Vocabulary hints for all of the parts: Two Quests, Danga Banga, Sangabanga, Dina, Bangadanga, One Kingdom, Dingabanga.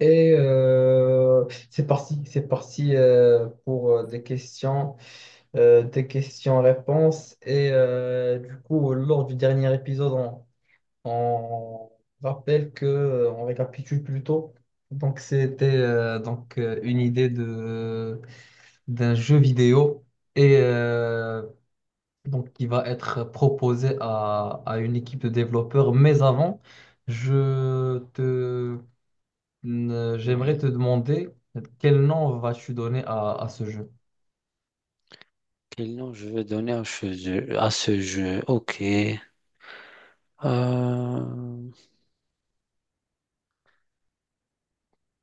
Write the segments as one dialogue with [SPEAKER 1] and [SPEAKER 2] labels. [SPEAKER 1] Et euh, c'est parti, pour des des questions-réponses. Du coup, lors du dernier épisode, on rappelle que, on récapitule plutôt. Donc, c'était une idée de d'un jeu vidéo et euh, donc qui va être proposé à une équipe de développeurs. Mais avant, je te j'aimerais te
[SPEAKER 2] Oui.
[SPEAKER 1] demander quel nom vas-tu donner à ce jeu.
[SPEAKER 2] Quel nom je vais donner à ce jeu? À ce jeu? Ok. Euh,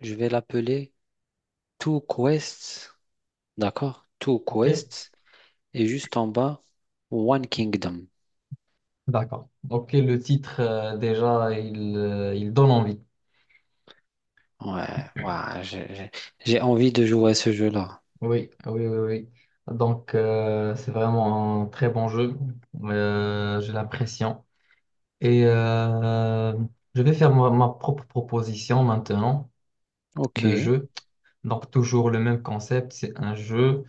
[SPEAKER 2] je vais l'appeler Two Quests. D'accord? Two
[SPEAKER 1] Ok?
[SPEAKER 2] Quests. Et juste en bas, One Kingdom.
[SPEAKER 1] D'accord. Ok, le titre, déjà, il donne envie.
[SPEAKER 2] Ouais, ouais, j'ai envie de jouer à ce jeu-là.
[SPEAKER 1] Oui, oui, oui, oui. Donc, c'est vraiment un très bon jeu. J'ai l'impression. Et euh, je vais faire ma propre proposition maintenant
[SPEAKER 2] Ok.
[SPEAKER 1] de jeu. Donc, toujours le même concept. C'est un jeu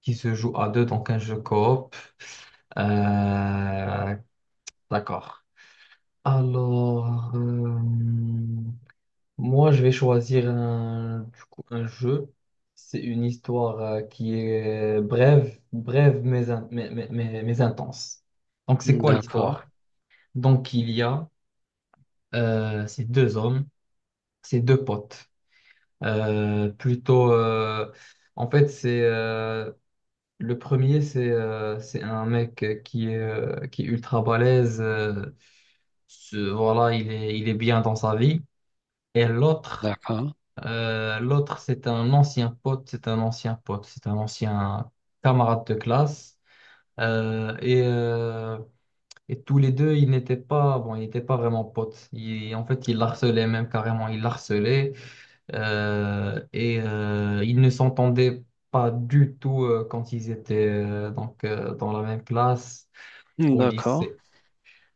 [SPEAKER 1] qui se joue à deux, donc un jeu coop. Euh, d'accord. Alors, euh, Moi, je vais choisir un jeu. C'est une histoire qui est brève mais intense. Donc, c'est quoi
[SPEAKER 2] D'accord.
[SPEAKER 1] l'histoire? Donc, il y a ces deux hommes, ces deux potes. Plutôt, en fait, c'est Le premier, c'est un mec qui est ultra balèze. Voilà, il est bien dans sa vie. Et l'autre,
[SPEAKER 2] D'accord.
[SPEAKER 1] c'est un ancien pote, c'est un ancien pote, c'est un ancien camarade de classe. Euh, et, euh, et tous les deux, ils n'étaient pas vraiment potes. Ils l'harcelaient même ils l'harcelaient. Ils ne s'entendaient pas du tout quand ils étaient dans la même classe au
[SPEAKER 2] D'accord.
[SPEAKER 1] lycée.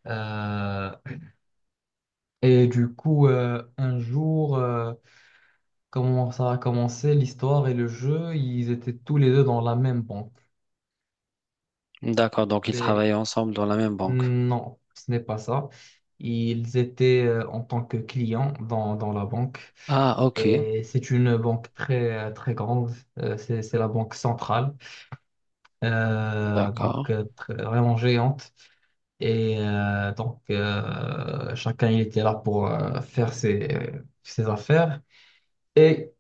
[SPEAKER 1] Euh, un jour... comment ça a commencé, l'histoire et le jeu, ils étaient tous les deux dans la même banque.
[SPEAKER 2] D'accord. Donc, ils
[SPEAKER 1] Et
[SPEAKER 2] travaillent ensemble dans la même banque.
[SPEAKER 1] non, ce n'est pas ça. Ils étaient en tant que clients dans la banque.
[SPEAKER 2] Ah, ok.
[SPEAKER 1] Et c'est une banque très, très grande. C'est la banque centrale.
[SPEAKER 2] D'accord.
[SPEAKER 1] Vraiment géante. Chacun, il était là pour faire ses affaires. Et,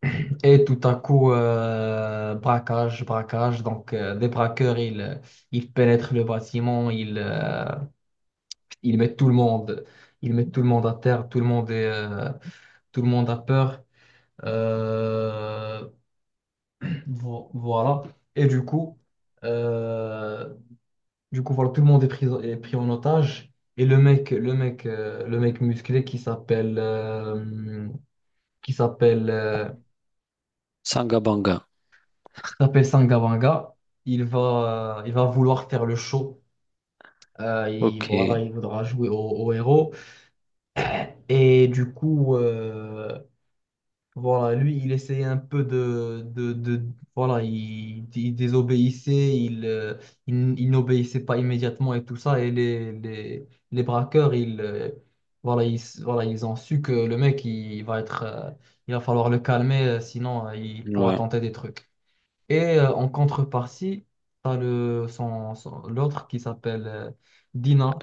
[SPEAKER 1] et tout à coup, braquage. Donc, des braqueurs, ils pénètrent le bâtiment, ils mettent tout le monde, ils mettent tout le monde à terre, tout le monde a peur. Euh, voilà. Et du coup, euh, voilà, tout le monde est pris en otage. Et le mec musclé qui s'appelle
[SPEAKER 2] Sangabanga.
[SPEAKER 1] s'appelle Sangabanga. Il va vouloir faire le show.
[SPEAKER 2] Ok.
[SPEAKER 1] Il voudra jouer au héros. Et du coup, voilà, lui, il essayait un peu voilà, il désobéissait, il n'obéissait pas immédiatement et tout ça. Et les braqueurs, voilà, ils ont su que le mec, il va falloir le calmer, sinon, il pourra
[SPEAKER 2] Ouais.
[SPEAKER 1] tenter des trucs. En contrepartie, t'as l'autre qui s'appelle Dina.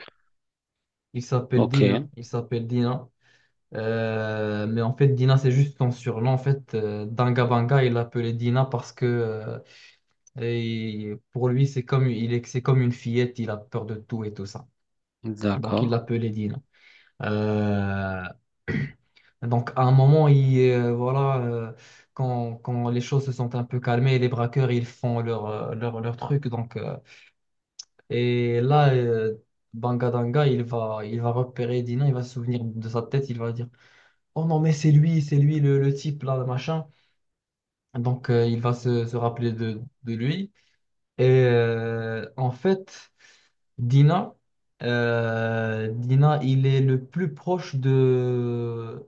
[SPEAKER 2] Ok.
[SPEAKER 1] Il s'appelle Dina. Mais en fait, Dina, c'est juste son surnom. En fait, Dangabanga, il l'appelait Dina parce que et pour lui, c'est comme une fillette. Il a peur de tout et tout ça. Donc, il
[SPEAKER 2] D'accord.
[SPEAKER 1] l'appelait Dina. Euh, à un moment, quand les choses se sont un peu calmées, les braqueurs, ils font leur truc. Et là, euh, Bangadanga, il va repérer Dina, il va se souvenir de sa tête, il va dire, oh non, mais c'est lui le type là, le machin. Donc, il va se rappeler de lui. Et euh, en fait, Dina, Dina, il est le plus proche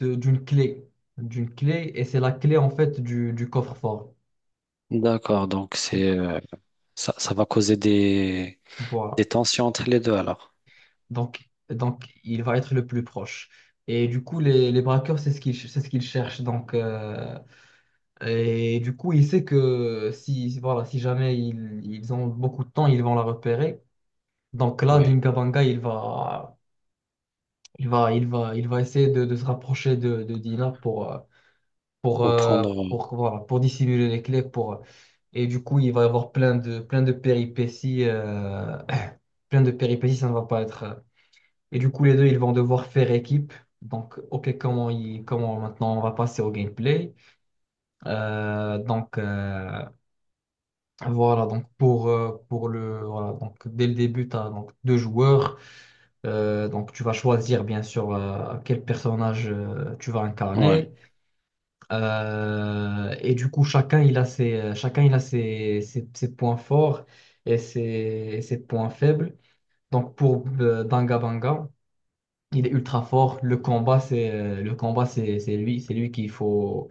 [SPEAKER 1] de- d'une clé, d'une clé, et c'est la clé en fait du coffre-fort.
[SPEAKER 2] D'accord, donc c'est ça, ça va causer
[SPEAKER 1] Voilà.
[SPEAKER 2] des tensions entre les deux alors.
[SPEAKER 1] Donc, il va être le plus proche. Et du coup, les braqueurs, c'est ce qu'ils cherchent. Donc, et du coup, il sait que si, voilà, si jamais ils ont beaucoup de temps, ils vont la repérer. Donc là,
[SPEAKER 2] Oui,
[SPEAKER 1] Dingabanga, il va essayer de se rapprocher de Dina pour,
[SPEAKER 2] pour prendre.
[SPEAKER 1] pour dissimuler les clés. Et du coup, il va y avoir plein de péripéties. Plein de péripéties, ça ne va pas être. Et du coup, les deux, ils vont devoir faire équipe. Donc, OK, comment maintenant on va passer au gameplay. Donc, voilà, donc pour le, voilà, Donc dès le début, tu as donc deux joueurs. Donc, tu vas choisir, bien sûr, quel personnage tu vas
[SPEAKER 2] Ouais.
[SPEAKER 1] incarner. Chacun, chacun, il a ses points forts et ses points faibles. Donc, pour Danga Banga, il est ultra fort. Le combat, c'est lui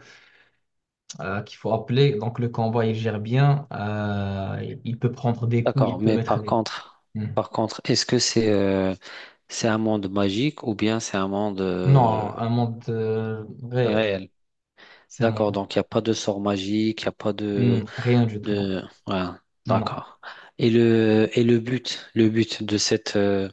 [SPEAKER 1] qu'il faut appeler. Donc le combat, il gère bien. Il peut prendre des coups, il
[SPEAKER 2] D'accord,
[SPEAKER 1] peut
[SPEAKER 2] mais
[SPEAKER 1] mettre des coups. Hmm.
[SPEAKER 2] par contre, est-ce que c'est un monde magique ou bien c'est un monde
[SPEAKER 1] Non, un monde réel,
[SPEAKER 2] réel?
[SPEAKER 1] c'est un
[SPEAKER 2] D'accord,
[SPEAKER 1] monde.
[SPEAKER 2] donc il n'y a pas de sort magique, il n'y a pas de
[SPEAKER 1] Hmm, rien du tout, non,
[SPEAKER 2] de ouais,
[SPEAKER 1] non.
[SPEAKER 2] d'accord. Et le but, le but de cette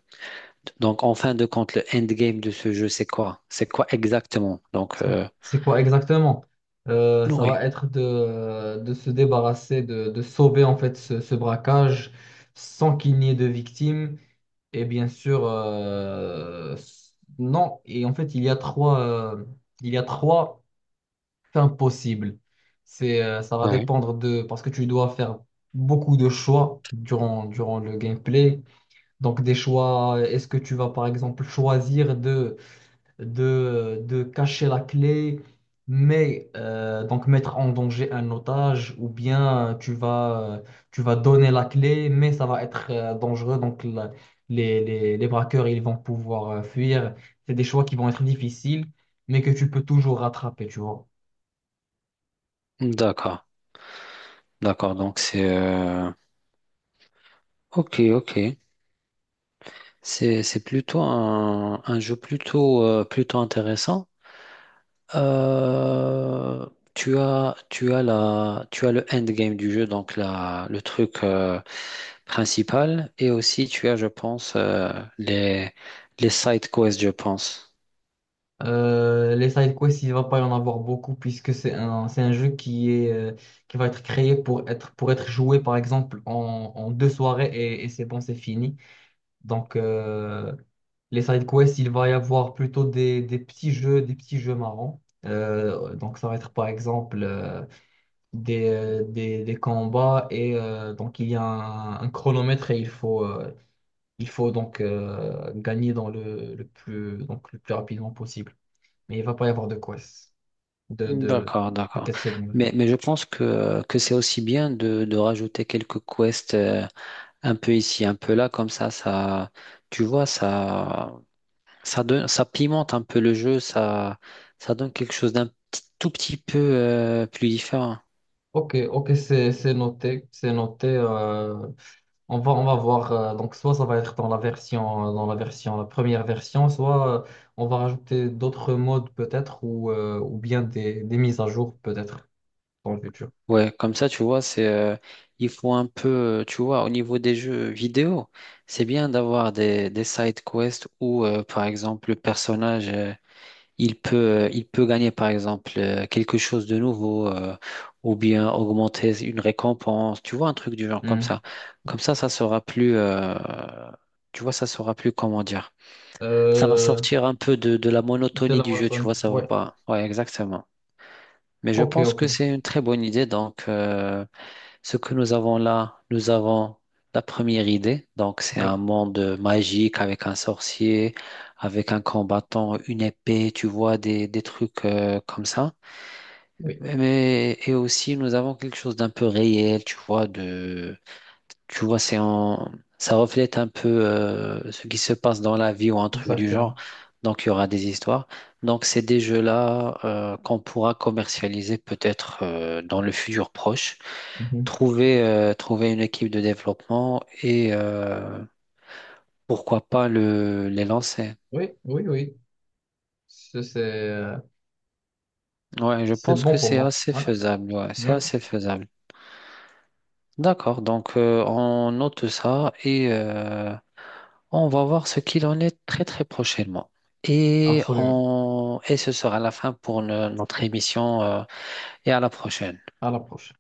[SPEAKER 2] donc en fin de compte, le endgame de ce jeu, c'est quoi? C'est quoi exactement?
[SPEAKER 1] C'est quoi exactement? Ça
[SPEAKER 2] Oui,
[SPEAKER 1] va être de se débarrasser, de sauver en fait ce braquage sans qu'il n'y ait de victimes. Et bien sûr, non. Et en fait, il y a trois fins possibles. C'est, ça va
[SPEAKER 2] oui,
[SPEAKER 1] dépendre de, parce que tu dois faire beaucoup de choix durant le gameplay. Donc, des choix, est-ce que tu vas par exemple choisir de cacher la clé, donc mettre en danger un otage, ou bien tu vas donner la clé, mais ça va être dangereux, les, les braqueurs, ils vont pouvoir fuir. C'est des choix qui vont être difficiles, mais que tu peux toujours rattraper, tu vois.
[SPEAKER 2] d'accord. D'accord, donc c'est ok, ok. C'est plutôt un jeu plutôt plutôt intéressant. Euh, tu as le endgame du jeu, donc la le truc principal, et aussi tu as, je pense, les les side quests, je pense.
[SPEAKER 1] Les side quests, il va pas y en avoir beaucoup puisque c'est un jeu qui va être créé pour être joué par exemple en deux soirées et c'est bon, c'est fini. Donc, les side quests, il va y avoir plutôt des petits jeux marrants. Ça va être par exemple des combats et donc il y a un chronomètre et il faut donc gagner dans le plus rapidement possible. Mais il va pas y avoir de quests, de, de,
[SPEAKER 2] D'accord,
[SPEAKER 1] de
[SPEAKER 2] d'accord.
[SPEAKER 1] quêtes secondaires.
[SPEAKER 2] Mais je pense que c'est aussi bien de rajouter quelques quests un peu ici, un peu là, comme ça, tu vois, ça. Ça donne, ça pimente un peu le jeu, ça donne quelque chose d'un petit- tout petit peu plus différent.
[SPEAKER 1] Ok, ok, c'est noté, c'est noté. On va voir, donc soit ça va être dans la version, la première version, soit on va rajouter d'autres modes peut-être, ou bien des mises à jour peut-être dans le futur.
[SPEAKER 2] Ouais, comme ça, tu vois, c'est, il faut un peu, tu vois, au niveau des jeux vidéo, c'est bien d'avoir des side quests où, par exemple, le personnage, il peut, il peut gagner, par exemple, quelque chose de nouveau, ou bien augmenter une récompense, tu vois, un truc du genre comme
[SPEAKER 1] Hmm.
[SPEAKER 2] ça. Comme ça sera plus, tu vois, ça sera plus, comment dire. Ça va
[SPEAKER 1] Euh,
[SPEAKER 2] sortir un peu de la
[SPEAKER 1] de
[SPEAKER 2] monotonie
[SPEAKER 1] la
[SPEAKER 2] du jeu, tu
[SPEAKER 1] monotone.
[SPEAKER 2] vois, ça va
[SPEAKER 1] Ouais.
[SPEAKER 2] pas. Ouais, exactement. Mais je
[SPEAKER 1] Ok,
[SPEAKER 2] pense
[SPEAKER 1] ok,
[SPEAKER 2] que c'est une très bonne idée. Ce que nous avons là, nous avons la première idée. Donc, c'est un
[SPEAKER 1] oui,
[SPEAKER 2] monde magique avec un sorcier, avec un combattant, une épée, tu vois, des trucs comme ça.
[SPEAKER 1] oui,
[SPEAKER 2] Mais, et aussi, nous avons quelque chose d'un peu réel, tu vois, de tu vois, c'est en... ça reflète un peu ce qui se passe dans la vie ou un truc du genre.
[SPEAKER 1] exactement.
[SPEAKER 2] Donc, il y aura des histoires. Donc, c'est des jeux-là qu'on pourra commercialiser peut-être dans le futur proche.
[SPEAKER 1] Mhm.
[SPEAKER 2] Trouver, trouver une équipe de développement et pourquoi pas le, les lancer.
[SPEAKER 1] Oui, oui, oui, c'est c'est, euh,
[SPEAKER 2] Ouais, je
[SPEAKER 1] c'est
[SPEAKER 2] pense
[SPEAKER 1] bon
[SPEAKER 2] que
[SPEAKER 1] pour
[SPEAKER 2] c'est
[SPEAKER 1] moi.
[SPEAKER 2] assez
[SPEAKER 1] Voilà.
[SPEAKER 2] faisable. Ouais,
[SPEAKER 1] Oui,
[SPEAKER 2] c'est assez faisable. D'accord, donc on note ça et on va voir ce qu'il en est très très prochainement. Et,
[SPEAKER 1] absolument.
[SPEAKER 2] on, et ce sera la fin pour notre émission et à la prochaine.
[SPEAKER 1] À la prochaine.